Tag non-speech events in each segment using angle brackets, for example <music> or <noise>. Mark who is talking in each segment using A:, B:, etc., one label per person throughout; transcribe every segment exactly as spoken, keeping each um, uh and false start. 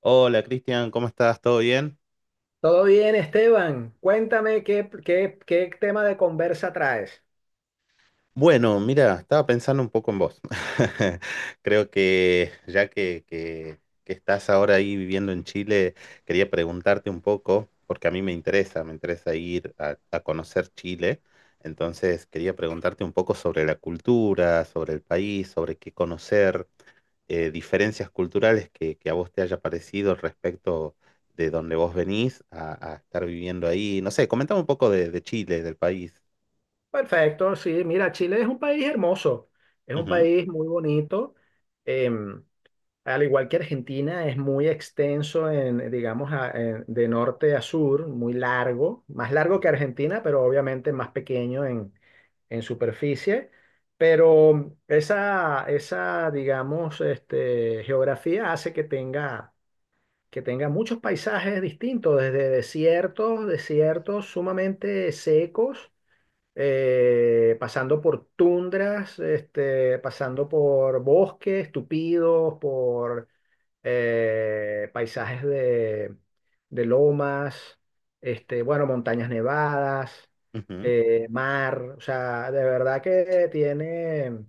A: Hola, Cristian, ¿cómo estás? ¿Todo bien?
B: Todo bien, Esteban. Cuéntame qué, qué, qué tema de conversa traes.
A: Bueno, mira, estaba pensando un poco en vos. <laughs> Creo que ya que, que- que estás ahora ahí viviendo en Chile, quería preguntarte un poco, porque a mí me interesa, me interesa ir a, a conocer Chile. Entonces, quería preguntarte un poco sobre la cultura, sobre el país, sobre qué conocer, eh, diferencias culturales que, que a vos te haya parecido respecto de donde vos venís a, a estar viviendo ahí. No sé, comentame un poco de, de Chile, del país.
B: Perfecto, sí. Mira, Chile es un país hermoso, es un
A: Ujú.
B: país muy bonito. em, Al igual que Argentina, es muy extenso en, digamos, a- en- de norte a sur, muy largo, más largo que
A: Ujú.
B: Argentina, pero obviamente más pequeño en, en superficie, pero esa, esa, digamos, este, geografía hace que tenga que tenga muchos paisajes distintos, desde desiertos, desiertos sumamente secos, eh, pasando por tundras, este, pasando por bosques tupidos, por eh, paisajes de, de lomas, este, bueno, montañas nevadas,
A: Ujú.
B: eh, mar. O sea, de verdad que tiene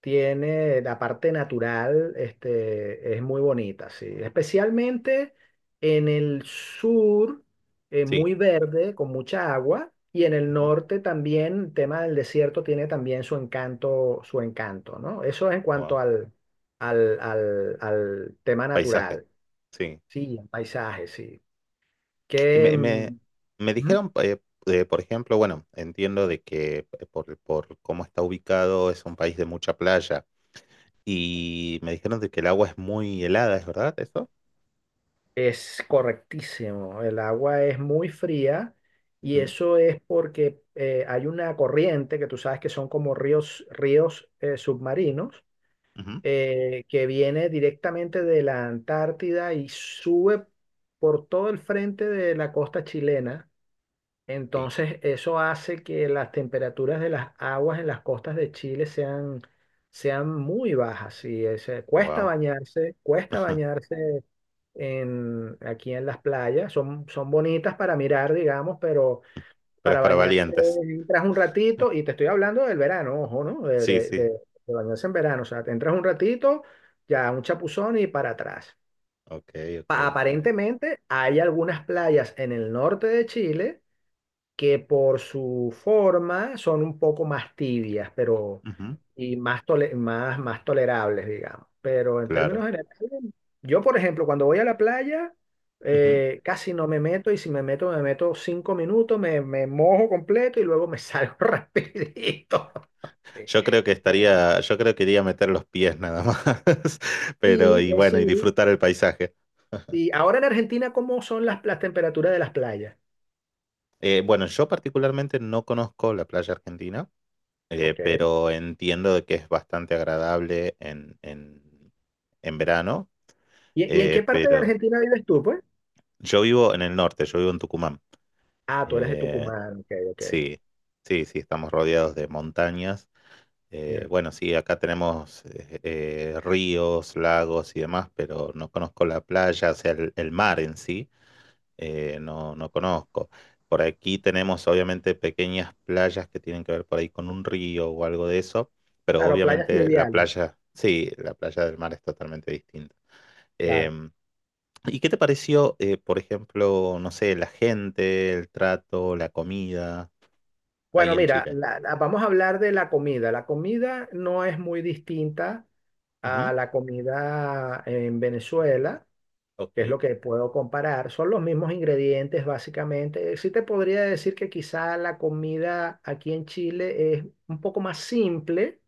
B: tiene la parte natural, este, es muy bonita, sí. Especialmente en el sur, eh,
A: Sí.
B: muy verde, con mucha agua, y en el
A: Ujú.
B: norte también, el tema del desierto tiene también su encanto, su encanto, ¿no? Eso es en
A: Wow.
B: cuanto al, al, al, al tema
A: Paisaje,
B: natural,
A: sí.
B: sí, el paisaje, sí.
A: Y
B: Que,
A: Me, me, me
B: mm,
A: dijeron, eh, eh, por ejemplo, bueno, entiendo de que eh, por, por cómo está ubicado, es un país de mucha playa y me dijeron de que el agua es muy helada, ¿es verdad eso?
B: es correctísimo. El agua es muy fría y
A: Ujú,
B: eso es porque eh, hay una corriente que tú sabes que son como ríos, ríos eh, submarinos
A: ujú.
B: eh, que viene directamente de la Antártida y sube por todo el frente de la costa chilena.
A: Sí,
B: Entonces eso hace que las temperaturas de las aguas en las costas de Chile sean, sean muy bajas. Y es, eh, cuesta
A: wow.
B: bañarse, cuesta
A: <laughs>
B: bañarse en, aquí en las playas. Son, son bonitas para mirar, digamos, pero
A: Pero es
B: para
A: para
B: bañarse
A: valientes.
B: entras un ratito, y te estoy hablando del verano, ojo, ¿no? De,
A: Sí,
B: de,
A: sí.
B: de- de bañarse en verano. O sea, te entras un ratito, ya un chapuzón y para atrás.
A: Ok, ok,
B: Pa-
A: ok.
B: aparentemente hay algunas playas en el norte de Chile que por su forma son un poco más tibias, pero
A: Ujú.
B: y más, tole- más, más tolerables, digamos. Pero en
A: Claro.
B: términos generales, yo, por ejemplo, cuando voy a la playa,
A: Ujú.
B: eh, casi no me meto y si me meto, me meto cinco minutos, me, me mojo completo y luego me salgo <laughs> rapidito. Sí,
A: Yo creo que estaría, yo creo que iría a meter los pies nada más, <laughs> pero
B: sí,
A: y
B: eh,
A: bueno, y
B: sí.
A: disfrutar el paisaje.
B: Sí, ahora en Argentina, ¿cómo son las, las temperaturas de las playas?
A: Eh, bueno, yo particularmente no conozco la playa argentina, eh,
B: Ok.
A: pero entiendo de que es bastante agradable en, en, en verano,
B: ¿Y, y en qué
A: eh,
B: parte de
A: pero
B: Argentina vives tú, pues?
A: yo vivo en el norte, yo vivo en Tucumán.
B: Ah, tú eres de
A: Eh,
B: Tucumán, ok, ok.
A: sí, sí, sí, estamos rodeados de montañas. Eh, bueno, sí, acá tenemos eh, eh, ríos, lagos y demás, pero no conozco la playa, o sea, el, el mar en sí. Eh, no, no conozco. Por aquí tenemos obviamente pequeñas playas que tienen que ver por ahí con un río o algo de eso, pero
B: Claro, playas
A: obviamente la
B: fluviales,
A: playa, sí, la playa del mar es totalmente distinta.
B: claro.
A: Em, ¿Y qué te pareció, eh, por ejemplo, no sé, la gente, el trato, la comida ahí
B: Bueno,
A: en
B: mira,
A: Chile?
B: la- la- vamos a hablar de la comida. La comida no es muy distinta a
A: Ujú.
B: la comida en Venezuela, que es
A: Ok.
B: lo que puedo comparar. Son los mismos ingredientes, básicamente. Sí te podría decir que quizá la comida aquí en Chile es un poco más simple,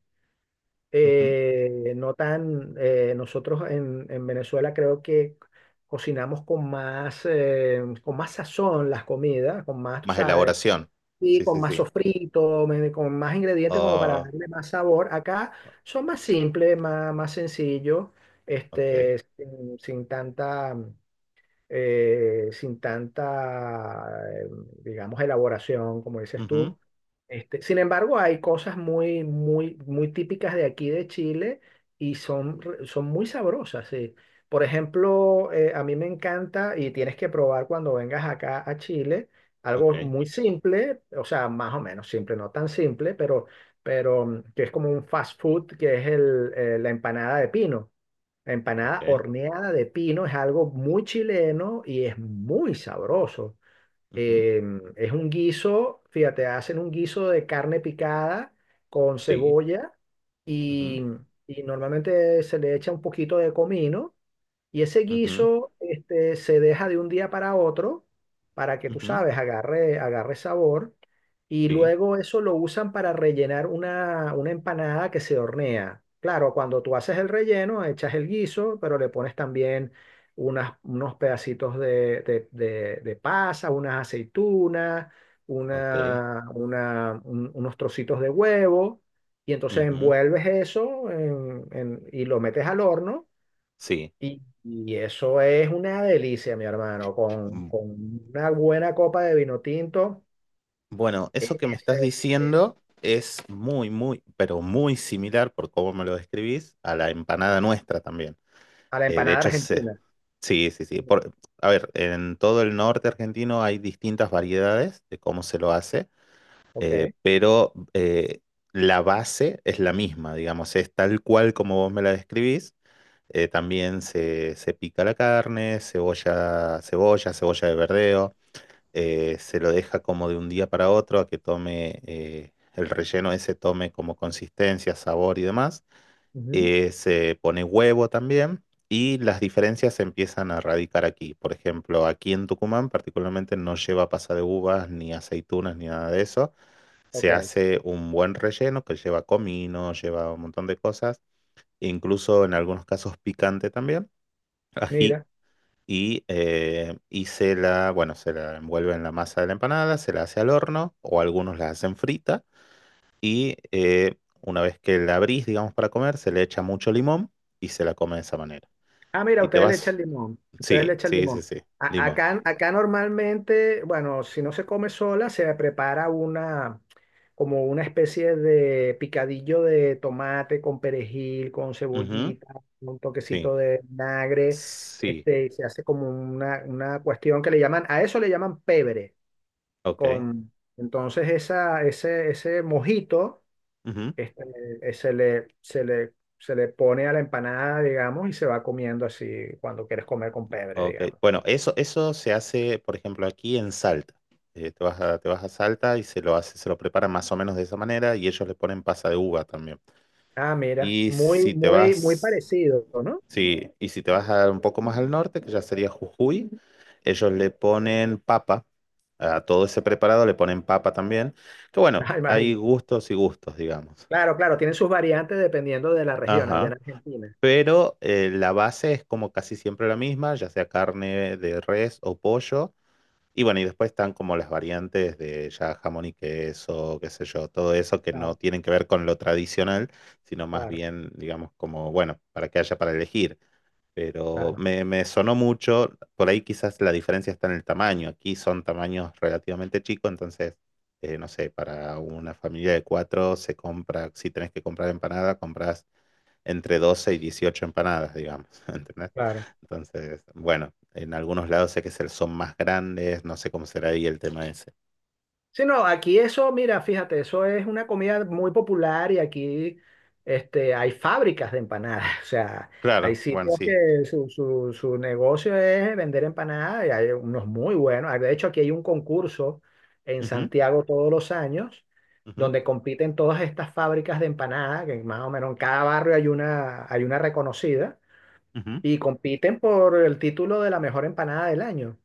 A: Ujú.
B: eh, no tan... eh, nosotros en, en Venezuela creo que cocinamos con más, eh, con más sazón las comidas, con más, tú
A: Más
B: sabes.
A: elaboración.
B: Sí,
A: Sí,
B: con
A: sí,
B: más
A: sí.
B: sofrito, me- con más ingredientes como para
A: Ah,
B: darle más sabor. Acá son más simples, más, más sencillos,
A: ok.
B: este, sin, sin tanta, eh, sin tanta, eh, digamos, elaboración, como dices
A: Ujú.
B: tú. Este, sin embargo, hay cosas muy, muy, muy típicas de aquí de Chile y son, re- son muy sabrosas, sí. Por ejemplo, eh, a mí me encanta y tienes que probar cuando vengas acá a Chile algo
A: Ok.
B: muy simple, o sea, más o menos simple, no tan simple, pero, pero mm, que es como un fast food, que es el, eh, la empanada de pino. La empanada
A: Ok.
B: horneada de pino es algo muy chileno y es muy sabroso.
A: Ujú.
B: Em, es un guiso, fíjate, hacen un guiso de carne picada con
A: Sí.
B: cebolla
A: Ujú.
B: y, y normalmente se le echa un poquito de comino y ese
A: Ujú.
B: guiso, este, se deja de un día para otro para que tú
A: Ujú.
B: sabes, agarre, agarre sabor. Y
A: Sí.
B: luego eso lo usan para rellenar una, una empanada que se hornea. Claro, cuando tú haces el relleno, echas el guiso, pero le pones también unas, unos pedacitos de, de, de- de pasa, unas aceitunas,
A: Ok.
B: una, una- un- unos trocitos de huevo. Y entonces
A: Ujú.
B: envuelves eso en- en- y lo metes al horno
A: Sí.
B: y, y eso es una delicia, mi hermano, con,
A: Mm.
B: con una buena copa de vino tinto,
A: Bueno, eso
B: eh,
A: que me
B: es,
A: estás
B: eh, es
A: diciendo es muy, muy, pero muy similar por cómo me lo describís a la empanada nuestra también.
B: a la
A: Eh, de
B: empanada
A: hecho, se-
B: argentina.
A: sí, sí, sí.
B: Mm,
A: Por, a ver, en todo el norte argentino hay distintas variedades de cómo se lo hace,
B: ok,
A: eh, pero eh, la base es la misma, digamos, es tal cual como vos me la describís. Eh, también se, se pica la carne, cebolla, cebolla, cebolla de verdeo. Eh, se lo deja como de un día para otro a que tome eh, el relleno ese, tome como consistencia, sabor y demás.
B: ujú,
A: Eh, se pone huevo también y las diferencias se empiezan a radicar aquí. Por ejemplo, aquí en Tucumán particularmente no lleva pasa de uvas ni aceitunas ni nada de eso.
B: ok,
A: Se hace un buen relleno que lleva comino, lleva un montón de cosas, incluso en algunos casos picante también, ají,
B: mira.
A: y, eh, y se la, bueno, se la envuelve en la masa de la empanada, se la hace al horno, o algunos la hacen frita, y eh, una vez que la abrís, digamos, para comer, se le echa mucho limón y se la come de esa manera.
B: Ah, mira,
A: Y te
B: ustedes le echan
A: vas,
B: limón, ustedes le
A: sí,
B: echan
A: sí, sí,
B: limón.
A: sí,
B: A-
A: limón.
B: acá, acá normalmente, bueno, si no se come sola, se prepara una, como una especie de picadillo de tomate con perejil, con
A: Ujú,
B: cebollita, un
A: sí,
B: toquecito de vinagre,
A: sí,
B: este, y se hace como una, una cuestión que le llaman, a eso le llaman pebre,
A: ok.
B: con, entonces esa, ese, ese mojito
A: Ujú,
B: este, eh, se le, se le, se le pone a la empanada, digamos, y se va comiendo así cuando quieres comer con pebre,
A: ok.
B: digamos.
A: Bueno, eso, eso se hace, por ejemplo, aquí en Salta. Eh, te vas a, te vas a Salta y se lo hace, se lo preparan más o menos de esa manera, y ellos le ponen pasa de uva también.
B: Ah, mira,
A: Y
B: muy,
A: si te
B: muy, muy
A: vas,
B: parecido, ¿no? <laughs>
A: sí, y si te vas a un poco más al norte, que ya sería Jujuy, ellos le ponen papa, a todo ese preparado le ponen papa también, que bueno,
B: Ah,
A: hay
B: imagínate.
A: gustos y gustos, digamos.
B: Claro, claro, tienen sus variantes dependiendo de la región allá en
A: Ajá.
B: Argentina.
A: Pero eh, la base es como casi siempre la misma, ya sea carne de res o pollo. Y bueno, y después están como las variantes de ya jamón y queso, qué sé yo, todo eso que no
B: Claro,
A: tienen que ver con lo tradicional, sino más
B: claro,
A: bien, digamos, como, bueno, para que haya para elegir. Pero
B: claro,
A: me, me sonó mucho. Por ahí quizás la diferencia está en el tamaño. Aquí son tamaños relativamente chicos, entonces, eh, no sé, para una familia de cuatro se compra, si tenés que comprar empanada, compras entre doce y dieciocho empanadas, digamos, <laughs> ¿entendés?
B: claro.
A: Entonces, bueno, en algunos lados sé que se- son más grandes, no sé cómo será ahí el tema ese.
B: Sí, no, aquí eso, mira, fíjate, eso es una comida muy popular y aquí este, hay fábricas de empanadas. <laughs> O sea, hay
A: Claro, bueno,
B: sitios
A: sí.
B: que su, su, su negocio es vender empanadas y hay unos muy buenos. De hecho, aquí hay un concurso en
A: Ujú,
B: Santiago todos los años
A: ujú,
B: donde compiten todas estas fábricas de empanadas, que más o menos en cada barrio hay una, hay una reconocida.
A: ujú.
B: Y compiten por el título de la mejor empanada del año.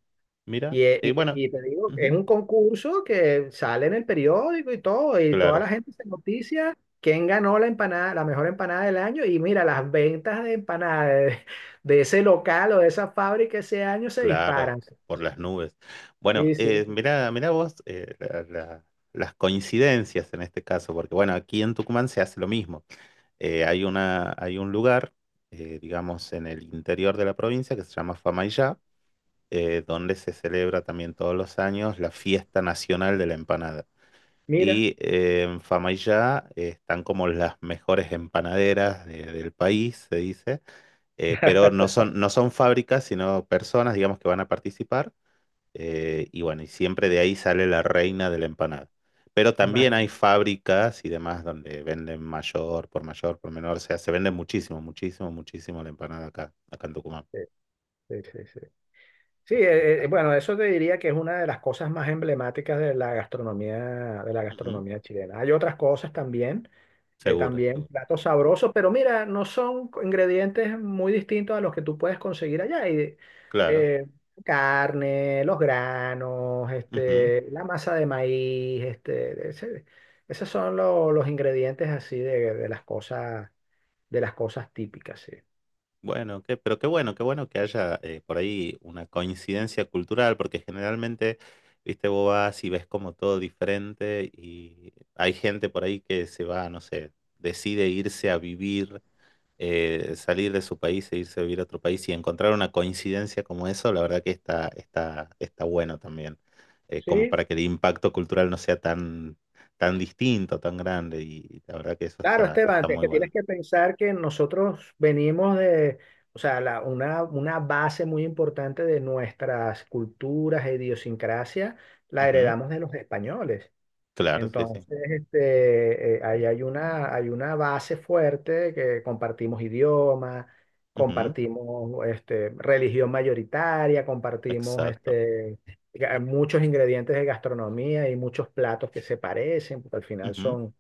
A: Mira,
B: Y, e-
A: y
B: y, te
A: bueno,
B: y te digo, es
A: ujú,
B: un concurso que sale en el periódico y todo, y toda
A: claro.
B: la gente se noticia quién ganó la empanada, la mejor empanada del año. Y mira, las ventas de empanadas de, <laughs> de ese local o de esa fábrica ese año se
A: Claro,
B: disparan.
A: por las nubes. Bueno,
B: Sí, sí,
A: eh,
B: sí.
A: mirá, mirá vos eh, la- la- las coincidencias en este caso, porque bueno, aquí en Tucumán se hace lo mismo. Eh, hay una, hay un lugar, eh, digamos, en el interior de la provincia, que se llama Famaillá, eh, donde se celebra también todos los años la fiesta nacional de la empanada.
B: Mira,
A: Y eh, en Famaillá eh, están como las mejores empanaderas de- del país, se dice, eh, pero no son, no son fábricas, sino personas, digamos, que van a participar, eh, y bueno, y siempre de ahí sale la reina de la empanada. Pero también hay
B: man,
A: fábricas y demás donde venden mayor, por mayor, por menor. O sea, se vende muchísimo, muchísimo, muchísimo la empanada acá, acá en Tucumán.
B: sí, sí, sí, sí. Sí,
A: Así que
B: eh, eh,
A: está.
B: bueno, eso te diría que es una de las cosas más emblemáticas de la gastronomía, de la
A: Ujú.
B: gastronomía chilena. Hay otras cosas también. Eh,
A: Seguro,
B: también
A: seguro.
B: platos sabrosos, pero mira, no son ingredientes muy distintos a los que tú puedes conseguir allá. Y,
A: Claro.
B: eh, carne, los granos,
A: Ujú.
B: este, la masa de maíz, este, ese- esos son lo- los ingredientes así de, de las cosas, de las cosas típicas, sí.
A: Bueno, qué, pero qué bueno, qué bueno que haya eh, por ahí una coincidencia cultural, porque generalmente, viste, vos vas y ves como todo diferente, y hay gente por ahí que se va, no sé, decide irse a vivir, eh, salir de su país e irse a vivir a otro país, y encontrar una coincidencia como eso, la verdad que está, está, está bueno también, eh, como
B: Sí,
A: para que el impacto cultural no sea tan, tan distinto, tan grande, y la verdad que eso
B: claro,
A: está,
B: Esteban,
A: está
B: es
A: muy
B: que
A: bueno.
B: tienes que pensar que nosotros venimos de, o sea, la- una, una base muy importante de nuestras culturas e idiosincrasia la
A: Ujú.
B: heredamos de los españoles.
A: Claro, sí, sí.
B: Entonces, este, eh, ahí hay una, hay una base fuerte que compartimos idioma,
A: Ujú.
B: compartimos este, religión mayoritaria, compartimos
A: Exacto.
B: este, ga- muchos ingredientes de gastronomía y muchos platos que se parecen, porque al final
A: Ujú.
B: son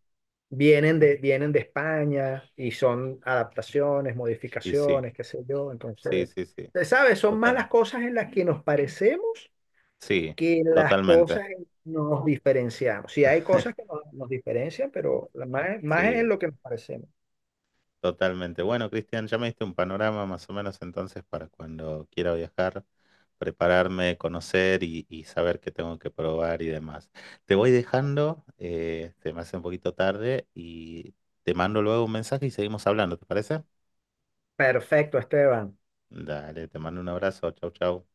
B: vienen de, vienen de España y son adaptaciones,
A: Y sí,
B: modificaciones, qué sé yo.
A: sí,
B: Entonces,
A: sí, sí,
B: eh, ¿sabes? Son más las
A: total.
B: cosas en las que nos parecemos
A: Sí,
B: que las
A: totalmente.
B: cosas en que nos diferenciamos. Sí, hay cosas que nos, nos diferencian, pero la- más, más es en
A: Sí.
B: lo que nos parecemos.
A: Totalmente. Bueno, Cristian, ya me diste un panorama más o menos, entonces, para cuando quiera viajar, prepararme, conocer y, y saber qué tengo que probar y demás. Te voy dejando, eh, se me hace un poquito tarde, y te mando luego un mensaje y seguimos hablando, ¿te parece?
B: Perfecto, Esteban.
A: Dale, te mando un abrazo, chau, chau.